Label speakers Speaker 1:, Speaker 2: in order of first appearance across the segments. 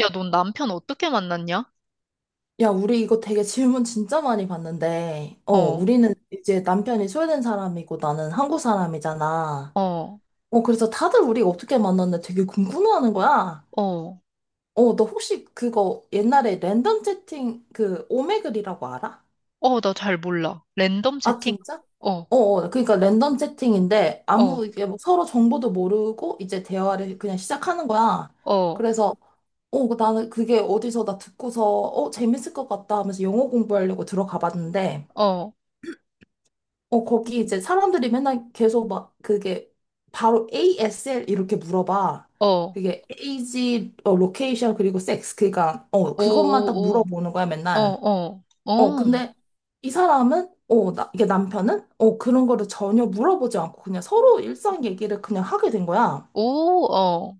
Speaker 1: 야, 넌 남편 어떻게 만났냐?
Speaker 2: 야, 우리 이거 되게 질문 진짜 많이 받는데,
Speaker 1: 어,
Speaker 2: 우리는 이제 남편이 스웨덴 사람이고 나는 한국 사람이잖아.
Speaker 1: 어,
Speaker 2: 그래서 다들 우리가 어떻게 만났는데 되게 궁금해하는 거야.
Speaker 1: 어,
Speaker 2: 너 혹시 그거 옛날에 랜덤 채팅 그 오메글이라고 알아?
Speaker 1: 어, 나 잘 몰라. 랜덤
Speaker 2: 아,
Speaker 1: 채팅?
Speaker 2: 진짜?
Speaker 1: 어,
Speaker 2: 그러니까 랜덤 채팅인데
Speaker 1: 어,
Speaker 2: 아무 이게 뭐 서로 정보도 모르고 이제 대화를 그냥 시작하는 거야.
Speaker 1: 어,
Speaker 2: 그래서 그 나는 그게 어디서 나 듣고서, 재밌을 것 같다 하면서 영어 공부하려고 들어가 봤는데,
Speaker 1: 어,
Speaker 2: 거기 이제 사람들이 맨날 계속 막 그게 바로 ASL 이렇게 물어봐.
Speaker 1: 어,
Speaker 2: 그게 에이지, 로케이션, 그리고 섹스. 그니까,
Speaker 1: 오,
Speaker 2: 그것만 딱
Speaker 1: 오,
Speaker 2: 물어보는 거야,
Speaker 1: 오, 어,
Speaker 2: 맨날.
Speaker 1: 어, 어,
Speaker 2: 근데 이 사람은, 이게 남편은, 그런 거를 전혀 물어보지 않고 그냥 서로 일상 얘기를 그냥 하게 된 거야.
Speaker 1: 오, 어.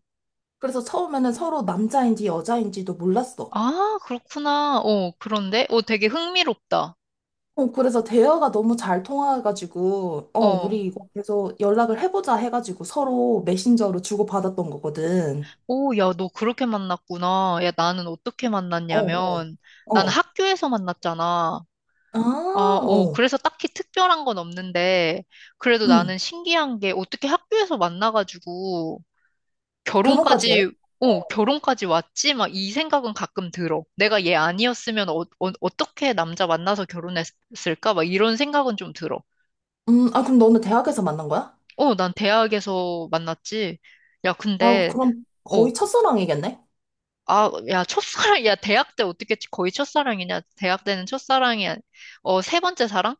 Speaker 2: 그래서 처음에는 서로 남자인지 여자인지도 몰랐어.
Speaker 1: 아, 그렇구나. 그런데? 어, 되게 흥미롭다.
Speaker 2: 그래서 대화가 너무 잘 통화해가지고,
Speaker 1: 어.
Speaker 2: 우리 이거 계속 연락을 해보자 해가지고 서로 메신저로 주고받았던 거거든.
Speaker 1: 오, 야, 너 그렇게 만났구나. 야, 나는 어떻게
Speaker 2: 어, 어,
Speaker 1: 만났냐면, 나는
Speaker 2: 어.
Speaker 1: 학교에서 만났잖아.
Speaker 2: 아,
Speaker 1: 아,
Speaker 2: 어,
Speaker 1: 그래서 딱히 특별한 건 없는데, 그래도
Speaker 2: 응.
Speaker 1: 나는 신기한 게 어떻게 학교에서 만나가지고
Speaker 2: 결혼까지 해?
Speaker 1: 결혼까지,
Speaker 2: 어.
Speaker 1: 결혼까지 왔지? 막 이 생각은 가끔 들어. 내가 얘 아니었으면 떻게 남자 만나서 결혼했을까? 막 이런 생각은 좀 들어.
Speaker 2: 아, 그럼 너는 대학에서 만난 거야?
Speaker 1: 어, 난 대학에서 만났지. 야,
Speaker 2: 아,
Speaker 1: 근데,
Speaker 2: 그럼
Speaker 1: 어,
Speaker 2: 거의 첫사랑이겠네?
Speaker 1: 아, 야, 첫사랑, 야, 대학 때 어떻게 거의 첫사랑이냐? 대학 때는 첫사랑이, 아니- 세 번째 사랑?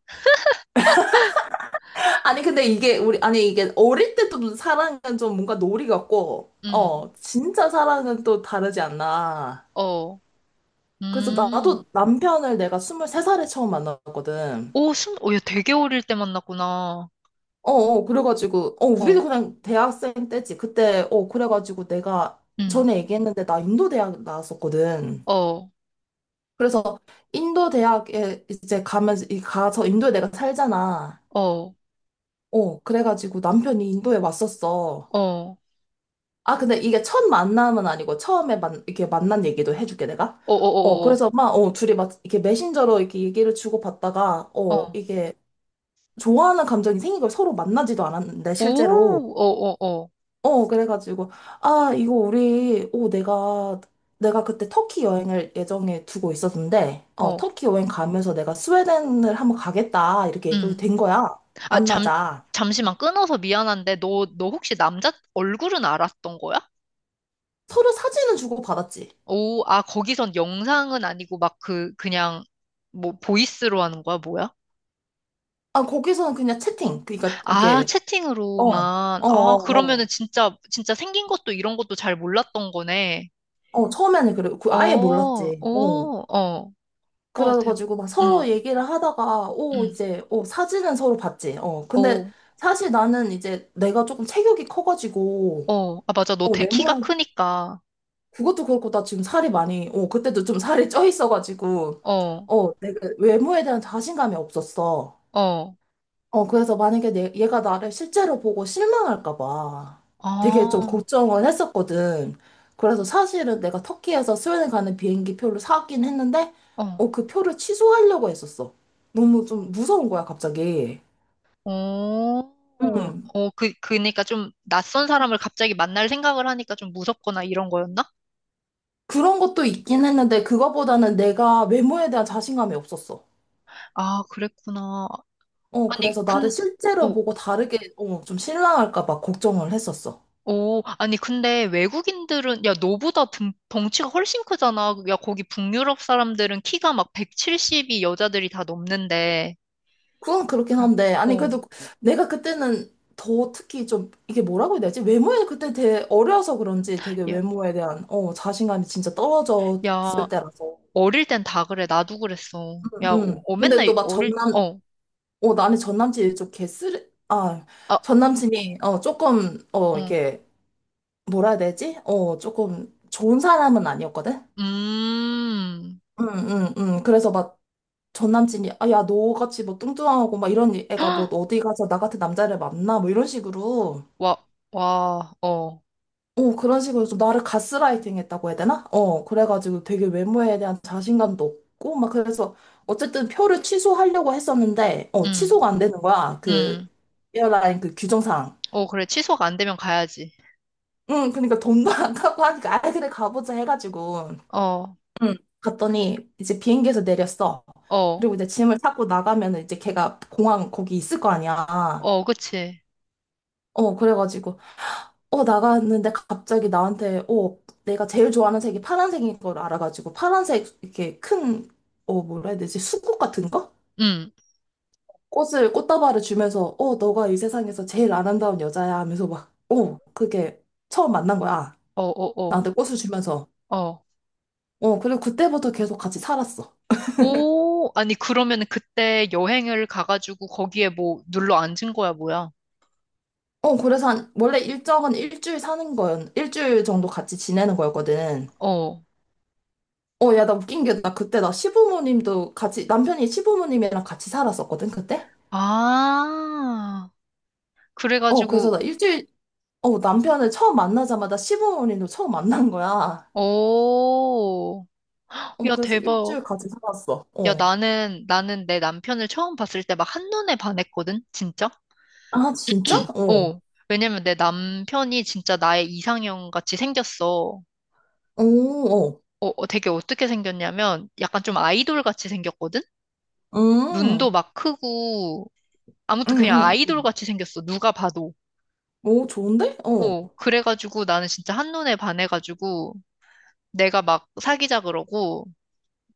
Speaker 2: 아니, 근데 이게, 우리, 아니, 이게 어릴 때 또 사랑은 좀 뭔가 놀이 같고,
Speaker 1: 음,
Speaker 2: 진짜 사랑은 또 다르지 않나.
Speaker 1: 어,
Speaker 2: 그래서
Speaker 1: 음.
Speaker 2: 나도 남편을 내가 23살에 처음 만났거든.
Speaker 1: 오, 순, 오, 야, 되게 어릴 때 만났구나.
Speaker 2: 그래가지고, 우리도
Speaker 1: 어,
Speaker 2: 그냥 대학생 때지. 그때, 그래가지고 내가
Speaker 1: 응,
Speaker 2: 전에 얘기했는데 나 인도 대학 나왔었거든.
Speaker 1: 어, 어,
Speaker 2: 그래서 인도 대학에 이제 가면, 가서 인도에 내가 살잖아.
Speaker 1: 어,
Speaker 2: 그래가지고 남편이 인도에 왔었어.
Speaker 1: 어,
Speaker 2: 아, 근데 이게 첫 만남은 아니고 이렇게 만난 얘기도 해줄게, 내가.
Speaker 1: 어, 어, 어,
Speaker 2: 그래서 막, 둘이 막 이렇게 메신저로 이렇게 얘기를 주고받다가,
Speaker 1: 어, 어,
Speaker 2: 이게 좋아하는 감정이 생긴 걸 서로 만나지도 않았는데,
Speaker 1: 오,
Speaker 2: 실제로.
Speaker 1: 어, 어,
Speaker 2: 어, 그래가지고, 아, 이거 우리, 어, 내가, 내가 그때 터키 여행을 예정에 두고 있었는데,
Speaker 1: 어, 어,
Speaker 2: 터키 여행 가면서 내가 스웨덴을 한번 가겠다, 이렇게 얘기가
Speaker 1: 응.
Speaker 2: 된 거야.
Speaker 1: 아, 잠,
Speaker 2: 만나자.
Speaker 1: 잠시만 끊어서 미안한데, 너, 너 혹시 남자 얼굴은 알았던 거야?
Speaker 2: 서로 사진을 주고받았지.
Speaker 1: 오, 아, 거기선 영상은 아니고 막 그, 그냥, 뭐, 보이스로 하는 거야, 뭐야?
Speaker 2: 아, 거기서는 그냥 채팅.
Speaker 1: 아,
Speaker 2: 어, 어,
Speaker 1: 채팅으로만.
Speaker 2: 어,
Speaker 1: 아, 그러면은
Speaker 2: 어.
Speaker 1: 진짜, 진짜 생긴 것도 이런 것도 잘 몰랐던 거네.
Speaker 2: 처음에는 그래, 그
Speaker 1: 어,
Speaker 2: 아예 몰랐지. 어.
Speaker 1: 오, 어. 와, 대박.
Speaker 2: 그래가지고 막
Speaker 1: 응,
Speaker 2: 서로 얘기를 하다가, 오,
Speaker 1: 응.
Speaker 2: 이제, 사진은 서로 봤지. 어, 근데
Speaker 1: 어,
Speaker 2: 사실 나는 이제 내가 조금 체격이 커가지고,
Speaker 1: 어. 아, 맞아. 너 대- 키가
Speaker 2: 외모에
Speaker 1: 크니까.
Speaker 2: 그것도 그렇고 나 지금 살이 많이 어 그때도 좀 살이 쪄 있어가지고
Speaker 1: 어,
Speaker 2: 어 내가 외모에 대한 자신감이 없었어.
Speaker 1: 어.
Speaker 2: 어 그래서 만약에 얘가 나를 실제로 보고 실망할까 봐 되게 좀
Speaker 1: 아,
Speaker 2: 걱정을 했었거든. 그래서 사실은 내가 터키에서 스웨덴 가는 비행기 표를 사긴 했는데
Speaker 1: 어.
Speaker 2: 어 그 표를 취소하려고 했었어. 너무 좀 무서운 거야 갑자기.
Speaker 1: 어,
Speaker 2: 음
Speaker 1: 어, 그, 그니까 좀 낯선 사람을 갑자기 만날 생각을 하니까 좀 무섭거나 이런 거였나?
Speaker 2: 그런 것도 있긴 했는데 그거보다는 내가 외모에 대한 자신감이 없었어.
Speaker 1: 아, 그랬구나.
Speaker 2: 그래서
Speaker 1: 아니, 근,
Speaker 2: 나를 실제로
Speaker 1: 어,
Speaker 2: 보고 다르게, 좀 실망할까 봐 걱정을 했었어.
Speaker 1: 어, 아니, 근데 외국인들은, 야, 너보다 등, 덩치가 훨씬 크잖아. 야, 거기 북유럽 사람들은 키가 막 170이 여자들이 다 넘는데.
Speaker 2: 그건 그렇긴
Speaker 1: 그럼,
Speaker 2: 한데, 아니,
Speaker 1: 어,
Speaker 2: 그래도 내가 그때는 더 특히 좀, 이게 뭐라고 해야 되지? 외모에 그때 되게 어려서 그런지 되게
Speaker 1: 야,
Speaker 2: 외모에 대한, 자신감이 진짜
Speaker 1: 야,
Speaker 2: 떨어졌을 때라서.
Speaker 1: 어릴 땐 다 그래. 나도 그랬어.
Speaker 2: 응,
Speaker 1: 야,
Speaker 2: 응. 근데
Speaker 1: 맨날
Speaker 2: 또 막
Speaker 1: 어릴, 어,
Speaker 2: 나는 전남친이 좀
Speaker 1: 아,
Speaker 2: 전남친이, 조금,
Speaker 1: 어,
Speaker 2: 이렇게, 뭐라 해야 되지? 조금 좋은 사람은 아니었거든?
Speaker 1: 음,
Speaker 2: 응, 응, 응. 그래서 막 전 남친이 아, 야, 너같이 뭐 뚱뚱하고 막 이런 애가 뭐 어디 가서 나 같은 남자를 만나 뭐 이런 식으로
Speaker 1: 와, 와, 어,
Speaker 2: 어 그런 식으로 좀 나를 가스라이팅 했다고 해야 되나? 어 그래가지고 되게 외모에 대한 자신감도 없고 막 그래서 어쨌든 표를 취소하려고 했었는데 어
Speaker 1: 음,
Speaker 2: 취소가 안 되는 거야 그
Speaker 1: 음,
Speaker 2: 에어라인 그 규정상
Speaker 1: 어, 그래. 취소가 안 되면 가야지.
Speaker 2: 응 그러니까 돈도 안 가고 하니까 아이 그래 가보자 해가지고
Speaker 1: 어,
Speaker 2: 응. 갔더니 이제 비행기에서 내렸어.
Speaker 1: 어,
Speaker 2: 그리고 이제 짐을 찾고 나가면 이제 걔가 공항 거기 있을 거 아니야.
Speaker 1: 어, 그치.
Speaker 2: 어, 그래가지고 나갔는데 갑자기 나한테, 내가 제일 좋아하는 색이 파란색인 걸 알아가지고, 파란색, 이렇게 큰, 뭐라 해야 되지? 수국 같은 거?
Speaker 1: 음,
Speaker 2: 꽃다발을 주면서, 너가 이 세상에서 제일 아름다운 여자야 하면서 막, 그게 처음 만난 거야.
Speaker 1: 어, 어,
Speaker 2: 나한테 꽃을 주면서.
Speaker 1: 어, 어.
Speaker 2: 어, 그리고 그때부터 계속 같이 살았어.
Speaker 1: 오, 아니, 그러면은 그때 여행을 가가지고 거기에 뭐 눌러 앉은 거야, 뭐야?
Speaker 2: 그래서 원래 일정은 일주일 정도 같이 지내는 거였거든.
Speaker 1: 어.
Speaker 2: 야, 나 웃긴 게, 나 그때 나 시부모님도 같이, 남편이 시부모님이랑 같이 살았었거든, 그때?
Speaker 1: 아,
Speaker 2: 어, 그래서
Speaker 1: 그래가지고,
Speaker 2: 나 일주일, 어, 남편을 처음 만나자마자 시부모님도 처음 만난 거야.
Speaker 1: 오,
Speaker 2: 어,
Speaker 1: 야,
Speaker 2: 그래서
Speaker 1: 대박.
Speaker 2: 일주일 같이 살았어.
Speaker 1: 야,
Speaker 2: 어.
Speaker 1: 나는, 나는 내 남편을 처음 봤을 때 막 한눈에 반했거든? 진짜?
Speaker 2: 아, 진짜? 어.
Speaker 1: 어. 왜냐면 내 남편이 진짜 나의 이상형 같이 생겼어.
Speaker 2: 오,
Speaker 1: 되게 어떻게 생겼냐면 약간 좀 아이돌 같이 생겼거든?
Speaker 2: 어.
Speaker 1: 눈도 막 크고, 아무튼 그냥 아이돌
Speaker 2: 음.
Speaker 1: 같이 생겼어. 누가 봐도.
Speaker 2: 오, 좋은데? 어.
Speaker 1: 어. 그래가지고 나는 진짜 한눈에 반해가지고 내가 막 사귀자 그러고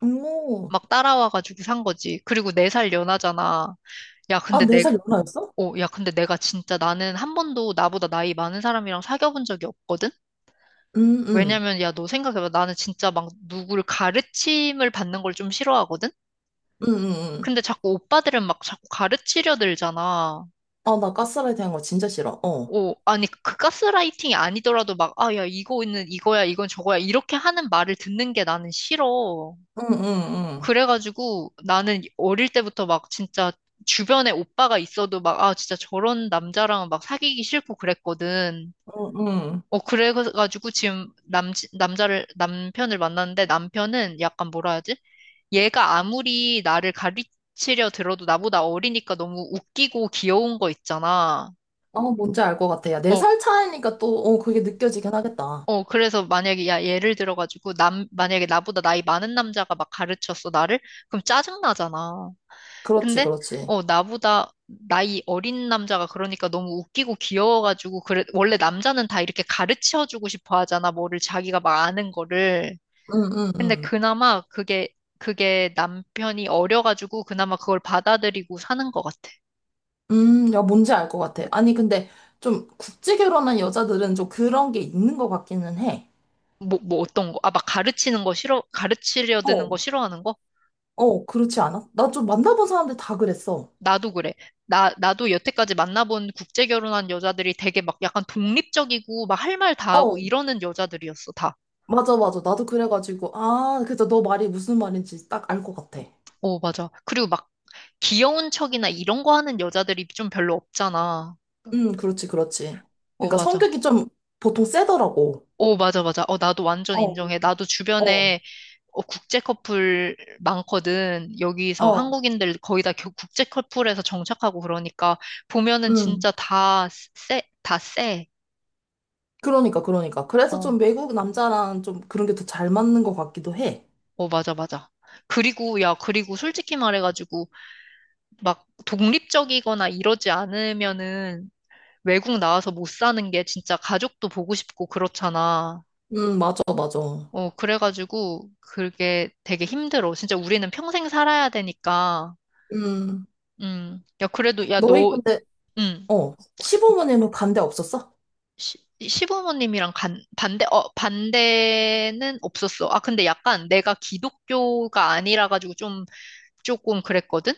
Speaker 2: 오.
Speaker 1: 막 따라와가지고 산 거지. 그리고 네 살 연하잖아. 야,
Speaker 2: 아,
Speaker 1: 근데
Speaker 2: 네 살 연하였어?
Speaker 1: 어, 야, 근데 내가 진짜 나는 한 번도 나보다 나이 많은 사람이랑 사귀어본 적이 없거든?
Speaker 2: 음, 음.
Speaker 1: 왜냐면, 야, 너 생각해봐. 나는 진짜 막 누구를 가르침을 받는 걸 좀 싫어하거든?
Speaker 2: 음.
Speaker 1: 근데 자꾸 오빠들은 막 자꾸 가르치려 들잖아.
Speaker 2: 아, 나 가스라이팅 한거 진짜 싫어. 어.
Speaker 1: 어, 아니, 그 가스라이팅이 아니더라도 막, 아, 야, 이거는 이거야, 이건 저거야. 이렇게 하는 말을 듣는 게 나는 싫어.
Speaker 2: 응응
Speaker 1: 그래가지고 나는 어릴 때부터 막 진짜 주변에 오빠가 있어도 막, 아, 진짜 저런 남자랑 막 사귀기 싫고 그랬거든.
Speaker 2: 응 응
Speaker 1: 그래가지고 지금 남, 남자를, 남편을 만났는데 남편은 약간 뭐라 하지? 얘가 아무리 나를 가르치려 들어도 나보다 어리니까 너무 웃기고 귀여운 거 있잖아.
Speaker 2: 아, 뭔지 알 것 같아. 야, 네
Speaker 1: 어,
Speaker 2: 살 차이니까 또, 그게 느껴지긴 하겠다.
Speaker 1: 그래서 만약에, 야, 예를 들어가지고, 남, 만약에 나보다 나이 많은 남자가 막 가르쳤어, 나를? 그럼 짜증나잖아.
Speaker 2: 그렇지,
Speaker 1: 근데,
Speaker 2: 그렇지.
Speaker 1: 나보다 나이 어린 남자가 그러니까 너무 웃기고 귀여워가지고, 그래, 원래 남자는 다 이렇게 가르쳐주고 싶어 하잖아, 뭐를 자기가 막 아는 거를.
Speaker 2: 응응
Speaker 1: 근데 그나마 그게, 그게 남편이 어려가지고 그나마 그걸 받아들이고 사는 것 같아.
Speaker 2: 야, 뭔지 알 것 같아. 아니, 근데 좀 국제 결혼한 여자들은 좀 그런 게 있는 것 같기는 해.
Speaker 1: 뭐, 뭐 어떤 거? 아, 막 가르치는 거 싫어, 가르치려 드는
Speaker 2: 어,
Speaker 1: 거 싫어하는 거?
Speaker 2: 그렇지 않아? 나 좀 만나본 사람들 다 그랬어.
Speaker 1: 나도 그래. 나, 나도 여태까지 만나본 국제 결혼한 여자들이 되게 막 약간 독립적이고 막 할 말 다 하고
Speaker 2: 어,
Speaker 1: 이러는 여자들이었어, 다.
Speaker 2: 맞아, 맞아. 나도 그래가지고, 아, 그래서 너 말이 무슨 말인지 딱 알 것 같아.
Speaker 1: 어, 맞아. 그리고 막 귀여운 척이나 이런 거 하는 여자들이 좀 별로 없잖아.
Speaker 2: 그렇지, 그렇지.
Speaker 1: 어,
Speaker 2: 그러니까
Speaker 1: 맞아.
Speaker 2: 성격이 좀 보통 세더라고.
Speaker 1: 어, 맞아, 맞아. 어, 나도 완전
Speaker 2: 어,
Speaker 1: 인정해. 나도
Speaker 2: 어,
Speaker 1: 주변에 어, 국제 커플 많거든. 여기서
Speaker 2: 어,
Speaker 1: 한국인들 거의 다 겨- 국제 커플에서 정착하고 그러니까 보면은
Speaker 2: 음.
Speaker 1: 진짜 다 쎄, 다 쎄.
Speaker 2: 그러니까, 그러니까. 그래서
Speaker 1: 어,
Speaker 2: 좀 외국 남자랑 좀 그런 게 더 잘 맞는 것 같기도 해.
Speaker 1: 어, 맞아, 맞아. 그리고, 야, 그리고 솔직히 말해가지고 막 독립적이거나 이러지 않으면은 외국 나와서 못 사는 게 진짜 가족도 보고 싶고 그렇잖아.
Speaker 2: 맞아, 맞아.
Speaker 1: 그래가지고 그게 되게 힘들어. 진짜 우리는 평생 살아야 되니까.
Speaker 2: 음.
Speaker 1: 야, 그래도, 야,
Speaker 2: 너희
Speaker 1: 너,
Speaker 2: 근데
Speaker 1: 음.
Speaker 2: 어, 시부모님은 반대 없었어?
Speaker 1: 시, 시부모님이랑 간, 반대, 어, 반대는 없었어. 아, 근데 약간 내가 기독교가 아니라 가지고 좀, 조금 그랬거든?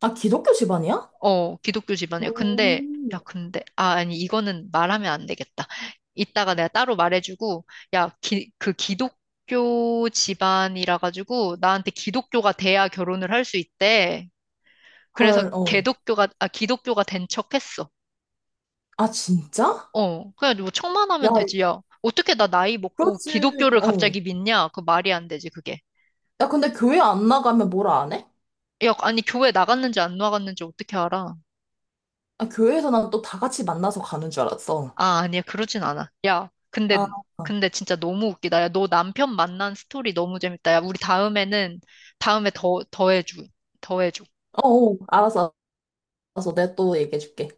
Speaker 2: 아, 기독교 집안이야?
Speaker 1: 어, 기독교 집안이야. 근데,
Speaker 2: 음.
Speaker 1: 야, 근데, 아, 아니, 이거는 말하면 안 되겠다. 이따가 내가 따로 말해주고, 야, 기, 그 기독교 집안이라 가지고 나한테 기독교가 돼야 결혼을 할 수 있대. 그래서
Speaker 2: 헐, 어.
Speaker 1: 개독교가, 아, 기독교가 된 척했어.
Speaker 2: 아, 진짜?
Speaker 1: 어, 그냥 뭐 청만
Speaker 2: 야,
Speaker 1: 하면 되지, 야. 어떻게 나 나이 먹고
Speaker 2: 그렇지.
Speaker 1: 기독교를
Speaker 2: 어.
Speaker 1: 갑자기 믿냐? 그 말이 안 되지, 그게.
Speaker 2: 야, 근데 교회 안 나가면 뭐라 안 해?
Speaker 1: 야, 아니, 교회 나갔는지 안 나갔는지 어떻게 알아?
Speaker 2: 아, 교회에서 난 또 다 같이 만나서 가는 줄 알았어.
Speaker 1: 아, 아니야, 그러진 않아. 야,
Speaker 2: 아,
Speaker 1: 근데,
Speaker 2: 어,
Speaker 1: 근데 진짜 너무 웃기다. 야, 너 남편 만난 스토리 너무 재밌다. 야, 우리 다음에는, 다음에 더, 더 해줘. 더 해줘.
Speaker 2: 어, 알았어, 알았어. 내가 또 얘기해줄게.